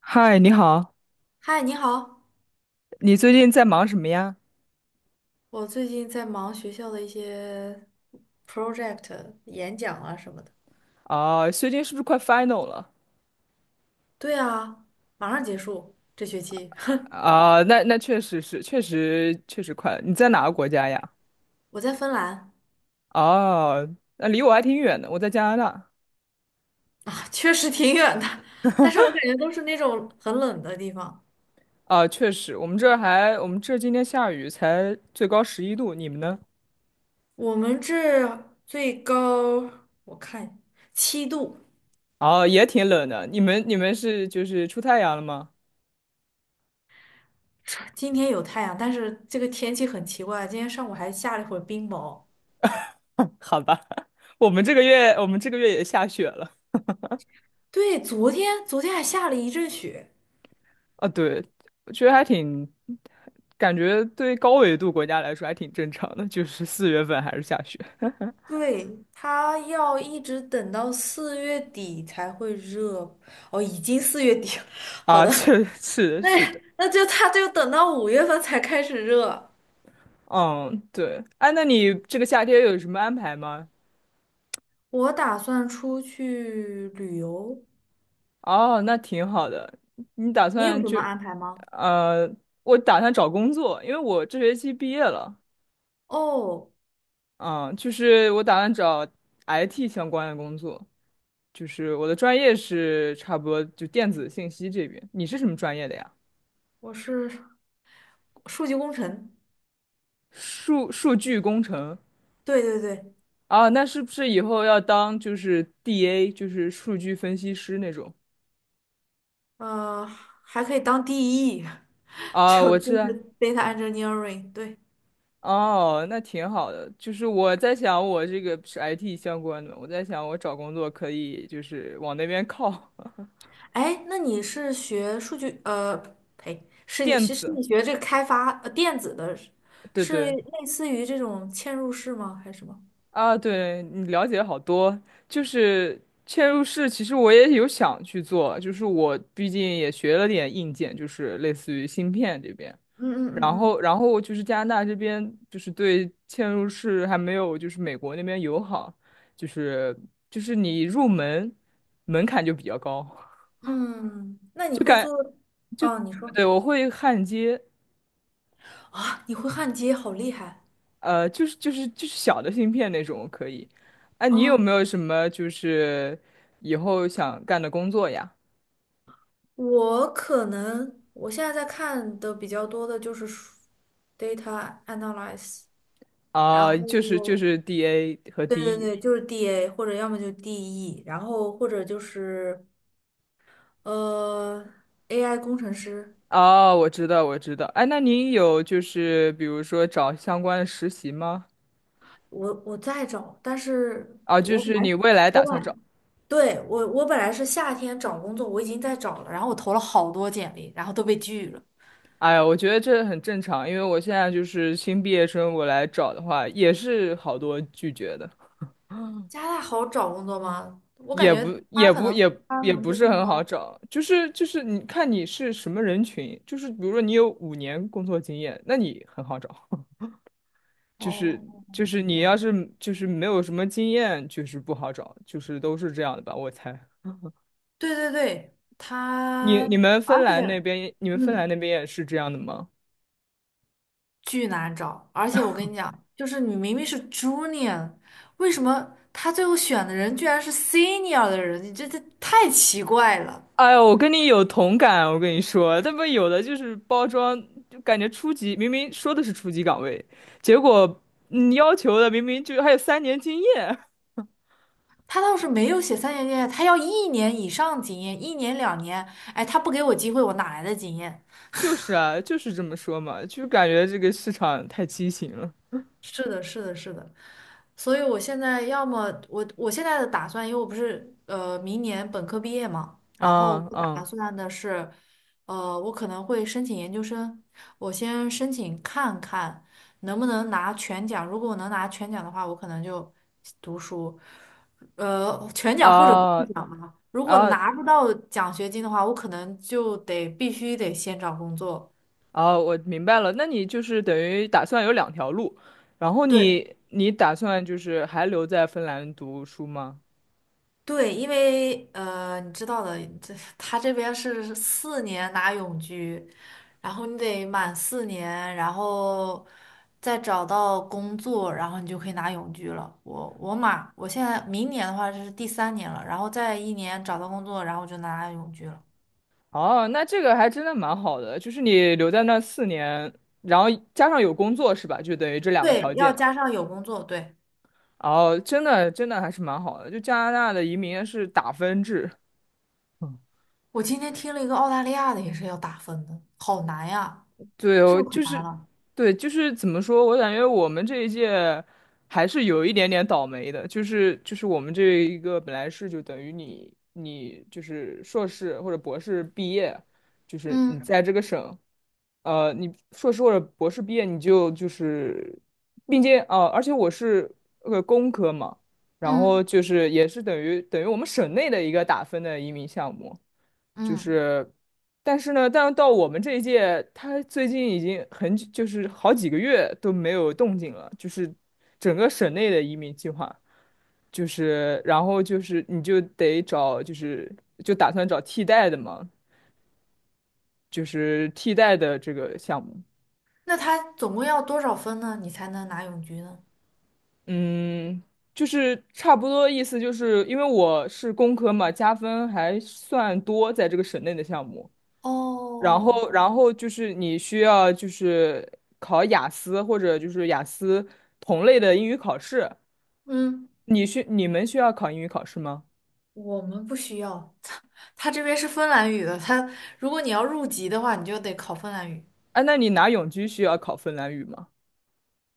嗨，你好，嗨，你好，你最近在忙什么呀？我最近在忙学校的一些 project 演讲啊什么的。啊，最近是不是快 final 了？对啊，马上结束这学期。啊，那确实是，确实确实快了。你在哪个国家呀？我在芬兰。哦，那离我还挺远的，我在加拿大。啊确实挺远的，但是我感觉都是那种很冷的地方。啊，确实，我们这儿今天下雨，才最高11度，你们呢？我们这最高我看七度。哦，也挺冷的。你们是就是出太阳了吗？今天有太阳，但是这个天气很奇怪，今天上午还下了一会儿冰雹。好吧，我们这个月也下雪了。对，昨天还下了一阵雪。啊，对，我觉得还挺，感觉对高纬度国家来说还挺正常的，就是四月份还是下雪对，他要一直等到四月底才会热。哦，已经四月底了。好啊，的。是 的，那是的，那就他就等到五月份才开始热。嗯，对，哎，那你这个夏天有什么安排吗？我打算出去旅游，哦，那挺好的，你打你有算什就么安排吗？呃，我打算找工作，因为我这学期毕业了，哦，嗯，就是我打算找 IT 相关的工作，就是我的专业是差不多就电子信息这边，你是什么专业的呀？我是数据工程。数据工程。对对对，啊，那是不是以后要当就是 DA，就是数据分析师那种？呃，还可以当 DE。啊，就我就知道。是 data engineering，对。哦，那挺好的。就是我在想，我这个是 IT 相关的，我在想我找工作可以就是往那边靠。哎，那你是学数据呸，是你电是是子，你学这个开发电子的，对是对类似于这种嵌入式吗？还是什么？啊，对你了解好多。就是嵌入式，其实我也有想去做，就是我毕竟也学了点硬件，就是类似于芯片这边。嗯然嗯后，嗯然后就是加拿大这边就是对嵌入式还没有就是美国那边友好，就是就是你入门门槛就比较高。嗯，嗯，那你会做？啊，你 说。对，我会焊接，啊，你会焊接，好厉害就是小的芯片那种可以。哎、啊！你有没有什么就是以后想干的工作呀？我可能我现在在看的比较多的就是data analyze。然啊、就是就后是 DA 和 对对 DE。对，就是 DA 或者要么就 DE，然后或者就是呃，AI 工程师。哦，我知道，我知道。哎，那您有就是比如说找相关的实习吗？我在找，但是啊，就我本是来你未来我打算找？本对我我本来是夏天找工作，我已经在找了，然后我投了好多简历，然后都被拒了。哎呀，我觉得这很正常，因为我现在就是新毕业生，我来找的话也是好多拒绝的，加拿大好找工作吗？我感觉它可能包也容不度是更很好高。找，就是你看你是什么人群，就是比如说你有5年工作经验，那你很好找，就是哦，就是你了要解。是就是没有什么经验，就是不好找，就是都是这样的吧，我猜。对对对，而且你们芬兰嗯，那边也是这样的吗？巨难找。而且我跟你讲，就是你明明是 junior，为什么他最后选的人居然是 senior 的人？你这太奇怪了。哎呦，我跟你有同感，我跟你说，他们有的就是包装，就感觉初级，明明说的是初级岗位，结果你要求的明明就还有3年经验，他倒是没有写三年经验，他要一年以上经验，一年两年。哎，他不给我机会，我哪来的经验？就是啊，就是这么说嘛，就感觉这个市场太畸形了。是的，是的，是的，所以我现在的打算，因为我不是明年本科毕业嘛，然后啊我打啊算的是，我可能会申请研究生，我先申请看看能不能拿全奖，如果我能拿全奖的话，我可能就读书，全奖或者啊半奖嘛，如果啊拿不到奖学金的话，我可能就得必须得先找工作。啊！我明白了，那你就是等于打算有两条路，然后对。你打算就是还留在芬兰读书吗？对，因为你知道的，他这边是四年拿永居，然后你得满四年，然后再找到工作，然后你就可以拿永居了。我满，我现在明年的话是第三年了，然后再一年找到工作，然后我就拿永居了。哦，那这个还真的蛮好的，就是你留在那4年，然后加上有工作是吧？就等于这两个对，条要件。加上有工作。对，哦，真的真的还是蛮好的，就加拿大的移民是打分制。我今天听了一个澳大利亚的也是要打分的，好难呀，对，是哦，不是可就难是，了？对，就是怎么说？我感觉我们这一届还是有一点点倒霉的，就是我们这一个本来是就等于你就是硕士或者博士毕业，就是你嗯在这个省，你硕士或者博士毕业，你就就是，并且而且我是工科嘛，然后嗯就是也是等于我们省内的一个打分的移民项目，就嗯。是，但是呢，但到我们这一届，他最近已经很久就是好几个月都没有动静了，就是整个省内的移民计划，就是然后就是你就得找就是就打算找替代的嘛，就是替代的这个项目，那他总共要多少分呢？你才能拿永居呢？嗯。就是差不多意思，就是因为我是工科嘛，加分还算多，在这个省内的项目，然哦，后，然后就是你需要就是考雅思或者就是雅思同类的英语考试。嗯，你们需要考英语考试吗？我们不需要。他这边是芬兰语的，如果你要入籍的话，你就得考芬兰语。啊，那你拿永居需要考芬兰语吗？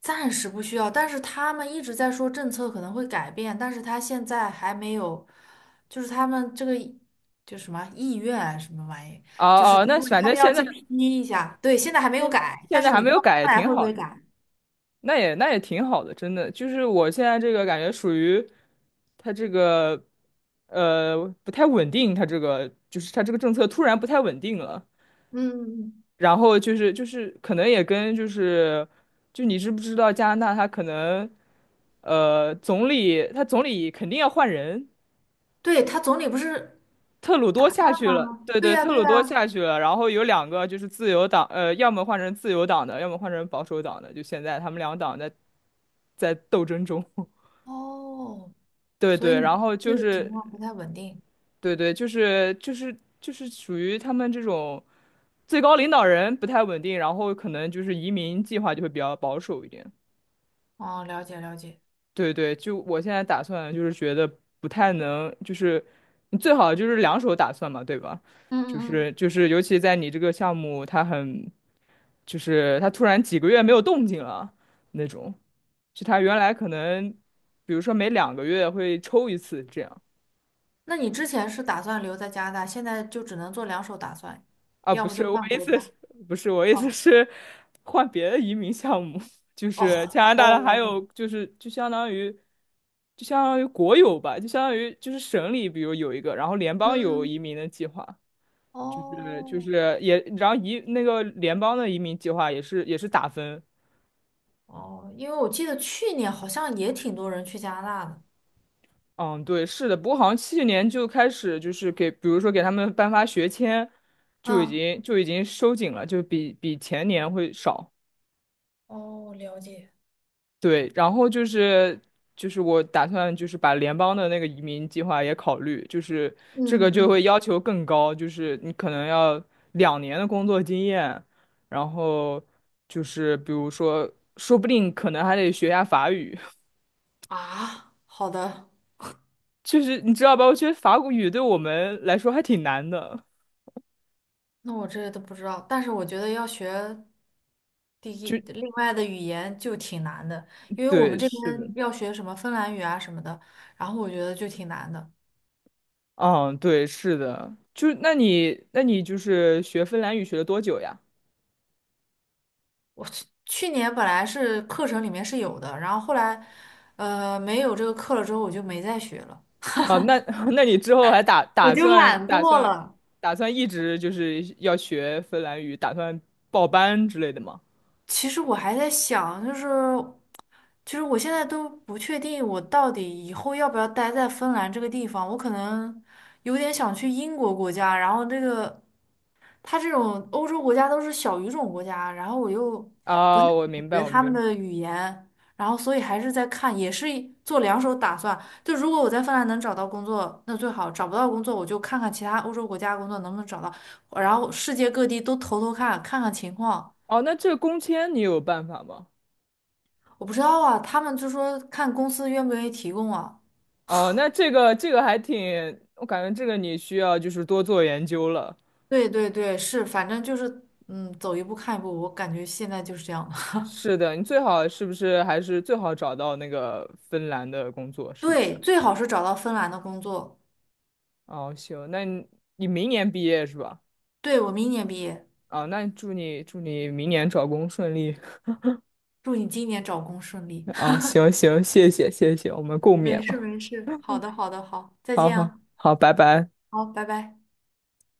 暂时不需要。但是他们一直在说政策可能会改变，但是他现在还没有，就是他们这个就什么意愿啊什么玩意，哦就是哦，他那们反他正们要去批一下，对，现在还没有现改，现但在是还你不没知有道改，也将来挺会不好会的。改。那也挺好的，真的。就是我现在这个感觉属于它这个不太稳定，它这个就是它这个政策突然不太稳定了。嗯，然后就是可能也跟就是你知不知道加拿大他可能总理肯定要换人，对，他总理不是，特鲁多下去了，吗？对对对，呀，特对鲁多呀。下去了，然后有两个就是自由党，要么换成自由党的，要么换成保守党的，就现在他们两党在斗争中，哦，对所以对，你然后这就个情是况不太稳定。对对，就是属于他们这种最高领导人不太稳定，然后可能就是移民计划就会比较保守一点。哦，了解了解。对对，就我现在打算就是觉得不太能，就是你最好就是两手打算嘛，对吧？嗯嗯就嗯，是就是，尤其在你这个项目，它很就是它突然几个月没有动静了那种，就它原来可能，比如说每2个月会抽一次这样。那你之前是打算留在加拿大，现在就只能做两手打算，啊，要不不是，就我换意国思家。是，不是，我意思哦是换别的移民项目，就是加哦拿大的，还哦，有就是就相当于国有吧，就相当于就是省里，比如有一个，然后联邦有嗯移民的计划，就是就哦是也，然后那个联邦的移民计划也是打分。哦，因为我记得去年好像也挺多人去加拿大的。嗯，对，是的，不过好像去年就开始就是给，比如说给他们颁发学签，嗯，就已经收紧了，就比前年会少。哦，了解。对，然后就是我打算就是把联邦的那个移民计划也考虑，就是这个嗯嗯就会嗯，要求更高，就是你可能要2年的工作经验，然后就是比如说，说不定可能还得学一下法语，啊，好的。就是你知道吧？我觉得法语对我们来说还挺难的，那我这都不知道，但是我觉得要学第一就另外的语言就挺难的，因为我们对，这是的，边要学什么芬兰语啊什么的，然后我觉得就挺难的。嗯，对，是的，就那你就是学芬兰语学了多久呀？我去年本来是课程里面是有的，然后后来没有这个课了之后，我就没再学了。哦，那 那你之后还打我打就算懒打惰算了。打算一直就是要学芬兰语，打算报班之类的吗？其实我还在想，就是其实我现在都不确定我到底以后要不要待在芬兰这个地方，我可能有点想去英国国家，然后这个。他这种欧洲国家都是小语种国家，然后我又不太啊、我懂明白，得我他们明白。的语言，然后所以还是在看，也是一做两手打算。就如果我在芬兰能找到工作，那最好；找不到工作，我就看看其他欧洲国家工作能不能找到，然后世界各地都投投看，看看情况。哦，那这个工签你有办法吗？我不知道啊，他们就说看公司愿不愿意提供啊。哦，那这个还挺，我感觉这个你需要就是多做研究了。对对对，是，反正就是走一步看一步，我感觉现在就是这样的。是 的，你最好是不是还是最好找到那个芬兰的工作，是不是？对，最好是找到芬兰的工作。哦，行，那你明年毕业是吧？对，我明年毕业。啊、那祝你明年找工顺利。祝你今年找工顺利。哦，行行，谢谢谢谢，我们共勉没事吧。没事，好的，好的，好，再好见好啊，好，拜拜。好，拜拜。